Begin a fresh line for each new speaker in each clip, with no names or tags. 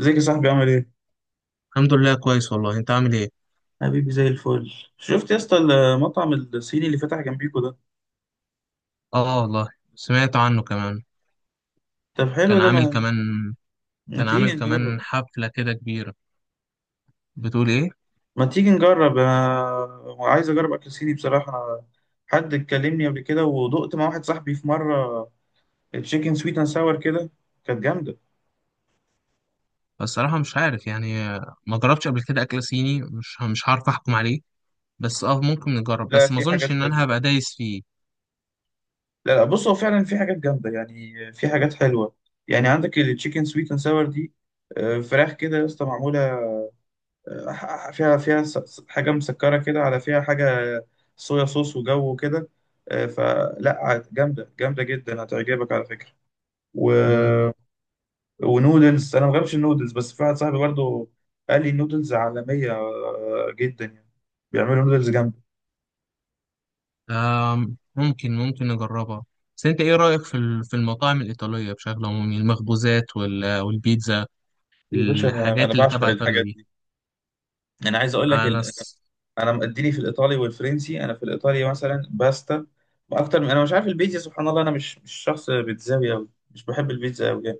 ازيك يا صاحبي، عامل ايه؟
الحمد لله كويس والله. انت عامل ايه؟
حبيبي، زي الفل. شفت يا اسطى المطعم الصيني اللي فتح جنبيكوا ده؟
اه والله. سمعت عنه كمان.
طب حلو
كان
ده
عامل كمان
ما
كان
تيجي
عامل
نجرب.
كمان حفلة كده كبيرة. بتقول ايه؟
ما تيجي نجرب، انا عايز اجرب اكل صيني بصراحة. أنا حد اتكلمني قبل كده، ودقت مع واحد صاحبي في مرة تشيكن سويت اند ساور كده، كانت جامدة.
الصراحة مش عارف يعني، ما جربتش قبل كده اكل صيني. مش هعرف احكم عليه. بس ممكن نجرب،
لا،
بس ما
في
اظنش
حاجات
ان انا
حلوة.
هبقى دايس فيه.
لا لا، بص، هو فعلا في حاجات جامدة يعني، في حاجات حلوة. يعني عندك التشيكن سويت اند ساور دي، فراخ كده يا اسطى معمولة، فيها حاجة مسكرة كده، على فيها حاجة صويا صوص وجو كده. جامدة، جامدة جدا، هتعجبك على فكرة. و...
مم.
ونودلز، أنا ما بحبش النودلز، بس في واحد صاحبي برضه قال لي النودلز عالمية جدا يعني، بيعملوا نودلز جامدة.
ممكن نجربها. بس انت ايه رأيك في في المطاعم الإيطالية بشكل عمومي؟ المخبوزات والبيتزا،
يا باشا أنا
الحاجات اللي
بعشق
تبع إيطاليا
الحاجات
دي.
دي. أنا عايز أقول لك
انا س-
أنا مديني في الإيطالي والفرنسي. أنا في الإيطالي مثلا باستا أكتر من، أنا مش عارف، البيتزا سبحان الله أنا مش شخص بيتزاوي أوي، مش بحب البيتزا أوي يعني.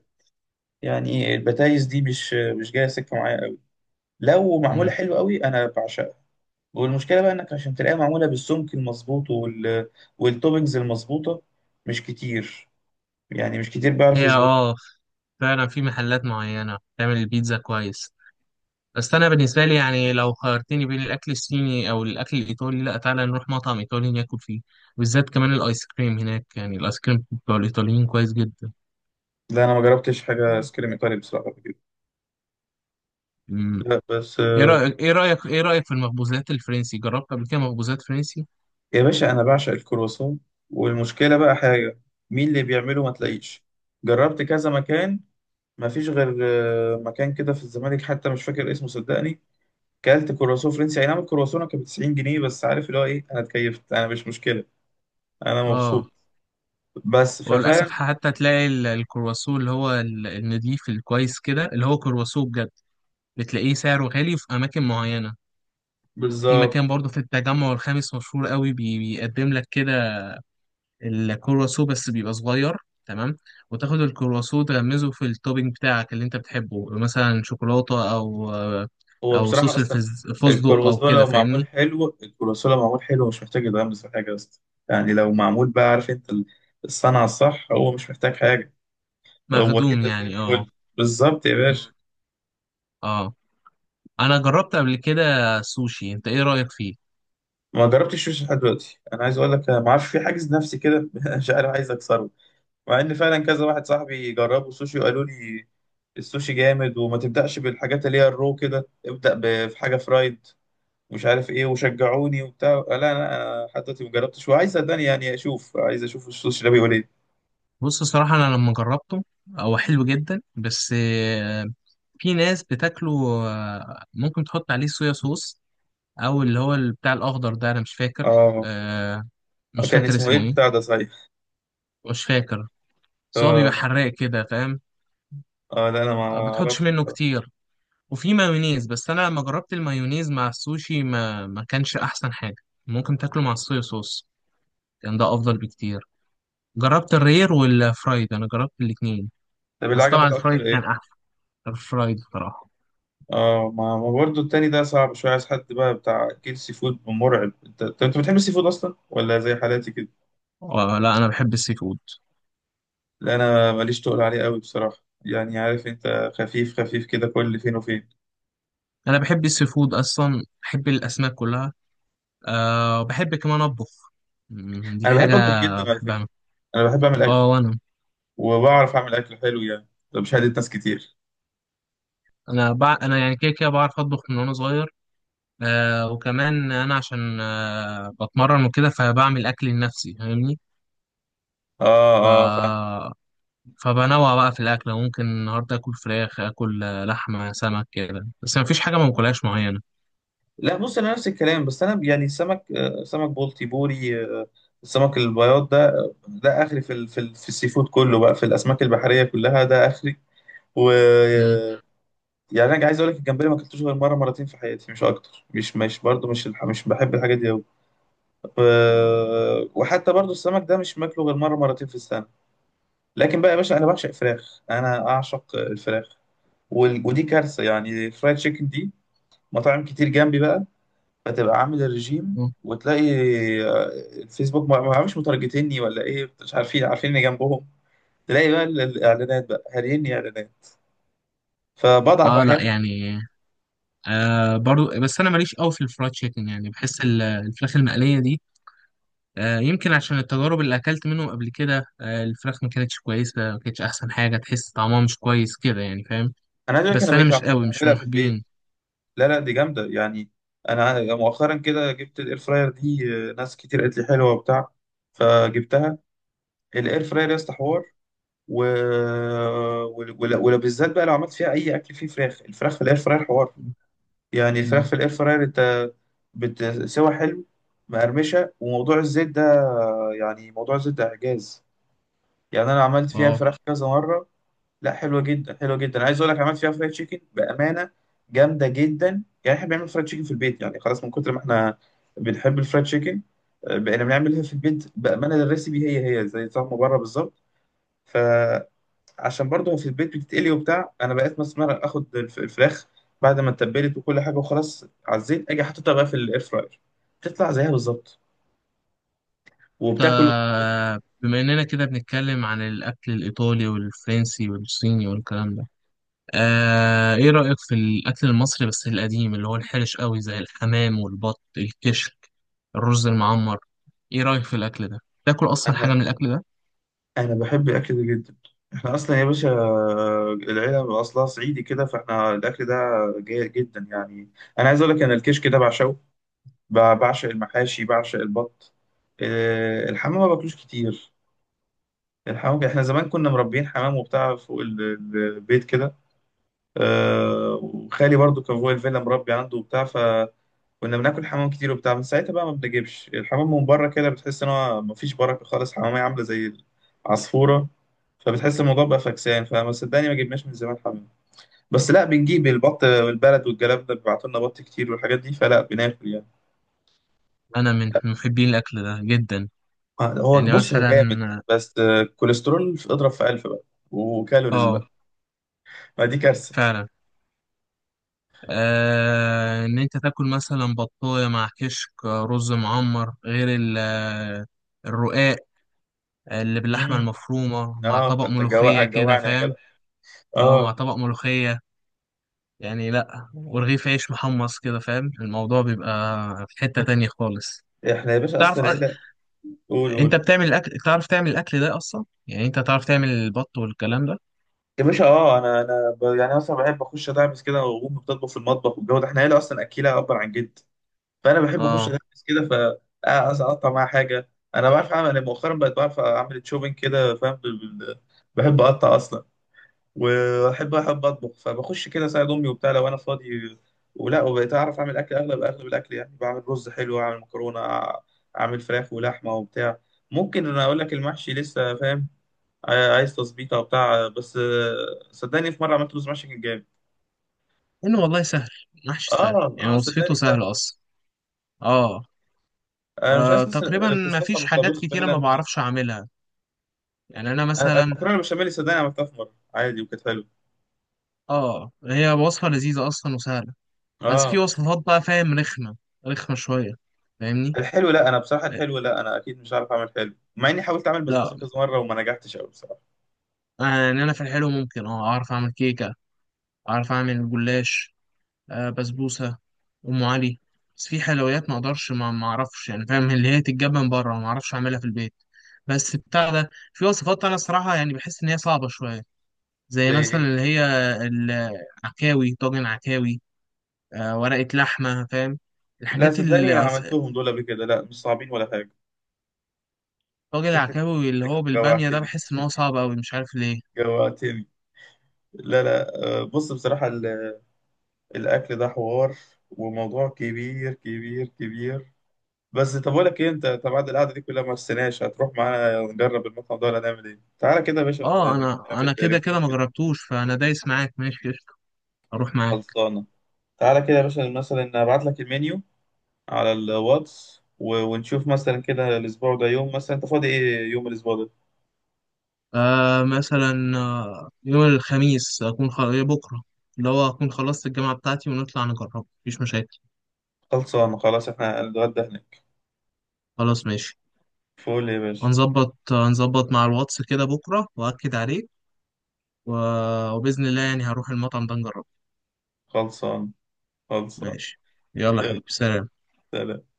يعني البتايز دي مش جايه سكه معايا قوي. لو معموله
مم.
حلو قوي انا بعشقها. والمشكله بقى انك عشان تلاقيها معموله بالسمك المظبوط والتوبنجز المظبوطه، مش كتير. يعني مش كتير بيعرف
هي
يظبط.
فعلا في محلات معينة بتعمل البيتزا كويس. بس أنا بالنسبة لي يعني لو خيرتني بين الأكل الصيني أو الأكل الإيطالي، لأ، تعالى نروح مطعم إيطالي ناكل فيه. بالذات كمان الآيس كريم هناك، يعني الآيس كريم بتاع الإيطاليين كويس جدا.
لا، انا ما جربتش حاجه سكريم ايطالي بصراحه قبل كده.
مم.
لا بس
إيه رأيك إيه رأيك إيه رأيك في المخبوزات الفرنسي؟ جربت قبل كده مخبوزات فرنسي؟
يا باشا انا بعشق الكرواسون. والمشكله بقى حاجه، مين اللي بيعمله؟ ما تلاقيش. جربت كذا مكان، ما فيش غير مكان كده في الزمالك، حتى مش فاكر اسمه صدقني. كلت كرواسون فرنسي، اي نعم الكرواسون كانت ب 90 جنيه، بس عارف اللي هو ايه؟ انا اتكيفت، انا مش مشكله، انا
آه.
مبسوط. بس
وللأسف
ففعلا،
حتى تلاقي الكرواسون اللي هو النضيف الكويس كده، اللي هو كرواسون بجد، بتلاقيه سعره غالي في أماكن معينة. في
بالظبط.
مكان برضه في التجمع الخامس مشهور قوي، بيقدم لك كده الكرواسو، بس بيبقى صغير. تمام. وتاخد الكرواسو تغمزه في التوبينج بتاعك اللي انت بتحبه، مثلا شوكولاتة او
هو
او
بصراحه
صوص
اصلا
الفستق او
الكرواسون
كده،
لو معمول
فاهمني؟
حلو، الكرواسون لو معمول حلو مش محتاج يتغمس في حاجه اصلا. يعني لو معمول بقى، عارف انت، الصنعه الصح، هو مش محتاج حاجه. هو
مخدوم
كده زي
يعني، اه.
الفل، بالظبط يا باشا.
مم. اه، انا جربت قبل كده سوشي. انت ايه رأيك فيه؟
ما جربتش الشوش لحد دلوقتي. انا عايز اقول لك، أنا ما اعرفش، في حاجز نفسي كده. مش عارف، عايز اكسره. مع ان فعلا كذا واحد صاحبي جربوا سوشي وقالوا لي السوشي جامد، وما تبدأش بالحاجات اللي هي الرو كده، ابدأ في حاجة فرايد مش عارف ايه، وشجعوني وبتاع. لا لا، انا حتى دلوقتي ما جربتش، وعايز صدقني يعني اشوف، عايز اشوف السوشي ده بيقول ايه.
بص صراحة انا لما جربته، هو حلو جدا، بس في ناس بتاكله، ممكن تحط عليه صويا صوص، او اللي هو بتاع الاخضر ده. انا مش فاكر.
اه.
آه. مش
كان
فاكر
اسمه ايه
اسمه ايه.
البتاع ده صحيح؟
مش فاكر. بس هو بيبقى
اه.
حراق كده، فاهم؟
اه لا انا ما
ما بتحطش
اعرفش
منه
بصراحة.
كتير. وفي مايونيز، بس انا لما جربت المايونيز مع السوشي ما كانش احسن حاجه. ممكن تاكله مع الصويا صوص، كان ده افضل بكتير. جربت الرير والفرايد، انا جربت الاتنين.
طب اللي
بس طبعا
عجبك اكتر
الفرايد كان
ايه؟
احسن. الفرايد بصراحه.
اه، ما برضه التاني ده صعب شوية، عايز حد بقى بتاع اكل سي فود مرعب. انت طب انت بتحب السي فود اصلا ولا زي حالاتي كده؟
آه لا، انا بحب السي فود.
لا انا ماليش تقول عليه قوي بصراحه. يعني عارف انت، خفيف خفيف كده، كل فين وفين.
انا بحب السي فود اصلا، بحب الاسماك كلها. أه، بحب كمان اطبخ، دي
انا بحب
حاجه
اطبخ جدا على فكره.
بحبها.
انا بحب اعمل اكل،
اه وانا.
وبعرف اعمل اكل حلو يعني، ده مش هادي ناس كتير.
انا يعني كده كده بعرف اطبخ من وانا صغير. آه، وكمان انا عشان بتمرن وكده، فبعمل اكل لنفسي، فاهمني؟
اه.
ف...
اه فاهم.
فبنوع بقى في الاكل، ممكن النهارده اكل فراخ، اكل لحمه، سمك كده، بس ما فيش حاجه ما باكلهاش معينه.
لا بص، انا نفس الكلام، بس انا يعني السمك، سمك بلطي، بوري، السمك البياض ده، ده اخري في في السي فود كله بقى، في الاسماك البحريه كلها ده اخري. و
مم.
يعني انا عايز اقول لك، الجمبري ما اكلتوش غير مره مرتين في حياتي، مش اكتر. مش برضه، مش بحب الحاجات دي أوي. وحتى برضو السمك ده مش ماكله غير مرة مرتين في السنة. لكن بقى يا باشا أنا بعشق فراخ، أنا أعشق الفراخ. ودي كارثة يعني، الفرايد تشيكن دي، مطاعم كتير جنبي بقى. فتبقى عامل الرجيم
مم.
وتلاقي آه، الفيسبوك ما عارفش مترجتني ولا ايه، مش عارفين، عارفين اني جنبهم. تلاقي بقى الاعلانات بقى هاريني اعلانات، فبضعف
اه لا
احيانا.
يعني. برضو، بس انا ماليش قوي في الفرايد تشيكن، يعني بحس الفراخ المقليه دي، يمكن عشان التجارب اللي اكلت منهم قبل كده، الفراخ ما كانتش كويسه، ما كانتش احسن حاجه، تحس طعمها مش كويس كده يعني، فاهم؟
انا عايز أقول لك، انا
بس انا
بقيت
مش قوي، مش من
بعملها في البيت.
محبين.
لا لا، دي جامدة يعني. أنا مؤخرا كده جبت الإير فراير دي، ناس كتير قالت لي حلوة وبتاع، فجبتها. الإير فراير يا اسطى حوار. و... ولو بالذات بقى، لو عملت فيها أي أكل فيه فراخ، الفراخ في الإير فراير حوار. يعني الفراخ
مم.
في الإير فراير أنت بتسوى حلو، مقرمشة. وموضوع الزيت ده يعني موضوع الزيت ده إعجاز. يعني أنا عملت فيها
اه،
فراخ كذا مرة. لا حلوه جدا، حلوه جدا. عايز اقول لك، عملت فيها فرايد تشيكن بامانه جامده جدا. يعني احنا بنعمل فرايد تشيكن في البيت، يعني خلاص، من كتر ما احنا بنحب الفرايد تشيكن بقينا بنعملها في البيت بامانه، الريسيبي هي هي زي طعم بره بالظبط. فعشان برضه في البيت بتتقلي وبتاع، انا بقيت مسمار، اخد الفراخ بعد ما اتبلت وكل حاجه، وخلاص على الزيت، اجي حاططها بقى في الاير فراير، بتطلع زيها بالظبط وبتاكل.
بما اننا كده بنتكلم عن الاكل الايطالي والفرنسي والصيني والكلام ده، ايه رايك في الاكل المصري بس القديم، اللي هو الحرش قوي، زي الحمام والبط، الكشك، الرز المعمر؟ ايه رايك في الاكل ده؟ تاكل اصلا حاجه
انا
من الاكل ده؟
انا بحب الاكل ده جدا. احنا اصلا يا باشا، العيله اصلها صعيدي كده، فاحنا الاكل ده جيد جدا يعني. انا عايز اقول لك، انا الكشك ده بعشقه، بعشق المحاشي، بعشق البط. الحمام ما باكلوش كتير. الحمام احنا زمان كنا مربيين حمام وبتاع فوق البيت كده. وخالي برضو كان فوق الفيلا مربي عنده وبتاع، كنا بناكل حمام كتير وبتاع. من ساعتها بقى ما بنجيبش الحمام من بره كده، بتحس ان هو مفيش بركه خالص، حمامية عامله زي العصفوره. فبتحس الموضوع بقى فكسان، فما صدقني ما جبناش من زمان حمام. بس لا بنجيب البط، والبلد والجلاب ده بيبعتوا لنا بط كتير والحاجات دي، فلا بناكل يعني.
انا من محبين الاكل ده جدا.
هو
يعني
بص هو
مثلا،
جامد، بس كوليسترول اضرب في ألف بقى، وكالوريز
اه
بقى. ما دي كارثة.
فعلا. ان انت تاكل مثلا بطايه مع كشك، رز معمر، غير الرقاق اللي باللحمه
امم،
المفرومه، مع
اه
طبق
فانت
ملوخيه كده،
هتجوعني يا جدع.
فاهم؟ اه، مع
اه.
طبق ملوخيه يعني، لا ورغيف عيش محمص كده، فاهم؟ الموضوع بيبقى في حته تانية خالص.
احنا يا باشا
تعرف
اصلا
أ-
عيلة. قول،
انت
قول.
بتعمل الاكل؟ تعرف تعمل الاكل ده اصلا؟ يعني انت تعرف تعمل البط والكلام ده؟
يا باشا اه، انا يعني اصلا بحب اخش ادعبس كده، وامي بتطبخ في المطبخ والجو ده. احنا عيله اصلا اكيله، ابا عن جد. فانا بحب اخش
اه،
ادعبس كده. ف اقطع معاها حاجه. انا بعرف اعمل، أنا مؤخرا بقيت بعرف اعمل شوبينج كده فاهم، بحب اقطع اصلا. واحب، احب اطبخ، فبخش كده اساعد امي وبتاع لو انا فاضي. ولا، وبقيت اعرف اعمل اكل، اغلب اغلب الاكل يعني، بعمل رز حلو، اعمل مكرونه، اعمل فراخ ولحمه وبتاع. ممكن، انا اقول لك المحشي لسه فاهم، عايز تظبيط او بتاع، بس صدقني في مره عملت رز محشي كان جامد.
انه والله سهل، محشي سهل
اه اه،
يعني، وصفته
صدقني سهل.
سهله اصلا. اه.
انا مش عايز الناس
تقريبا
اللي
ما
بتستصعب
فيش حاجات
الطبيخ
كتيرة ما
فعلا.
بعرفش أعملها. يعني أنا مثلا،
المكرونه البشاميل صدقني عملتها في مره عادي وكانت حلوه.
هي وصفة لذيذة أصلا وسهلة. بس في
اه.
وصفات بقى، فاهم، رخمة، رخمة شوية، فاهمني؟
الحلو لا، انا بصراحه الحلو لا، انا اكيد مش عارف اعمل حلو، مع اني حاولت اعمل
لا.
بسبوسه كذا مره وما نجحتش قوي بصراحه.
يعني أنا في الحلو، ممكن أعرف أعمل كيكة، أعرف أعمل جلاش، بسبوسة، أم علي. بس في حلويات ما أقدرش، ما أعرفش يعني، فاهم؟ اللي هي تتجاب من بره، ما أعرفش أعملها في البيت. بس بتاع ده في وصفات، أنا الصراحة يعني بحس إن هي صعبة شوية. زي
زي
مثلا
ايه؟
اللي هي العكاوي، طاجن عكاوي، ورقة لحمة، فاهم؟
لا
الحاجات
صدقني،
اللي أص-
عملتهم دول قبل كده، لا مش صعبين ولا حاجه.
طاجن
ست.
العكاوي اللي هو بالبامية ده،
جوعتني،
بحس إن هو صعب أوي، مش عارف ليه.
جوعتني. لا لا، بص بصراحه، الاكل ده حوار، وموضوع كبير كبير كبير. بس طب اقول لك ايه، انت طب بعد القعده دي كلها، ما استناش، هتروح معانا نجرب المطعم ده ولا نعمل ايه؟ تعالى كده يا باشا
اه، انا
نعمل
كده كده
ريفيو
ما
كده.
جربتوش، فانا دايس معاك، ماشي، قشطة، اروح معاك.
خلصانه. تعالى كده يا باشا، مثلا ابعت لك المنيو على الواتس، ونشوف مثلا كده الاسبوع ده يوم، مثلا انت فاضي ايه يوم الاسبوع ده؟
مثلا يوم الخميس اكون بكره، اللي هو اكون خلصت الجامعه بتاعتي، ونطلع نجربه مفيش مشاكل.
خلصانه خلاص، احنا هنتغدى هناك.
خلاص ماشي.
فول يا باشا.
هنظبط مع الواتس كده بكره، واكد عليك. و... وباذن الله يعني هروح المطعم ده نجربه.
خلصان، خلصان.
ماشي. يلا يا
يلا،
حبيبي، سلام.
سلام.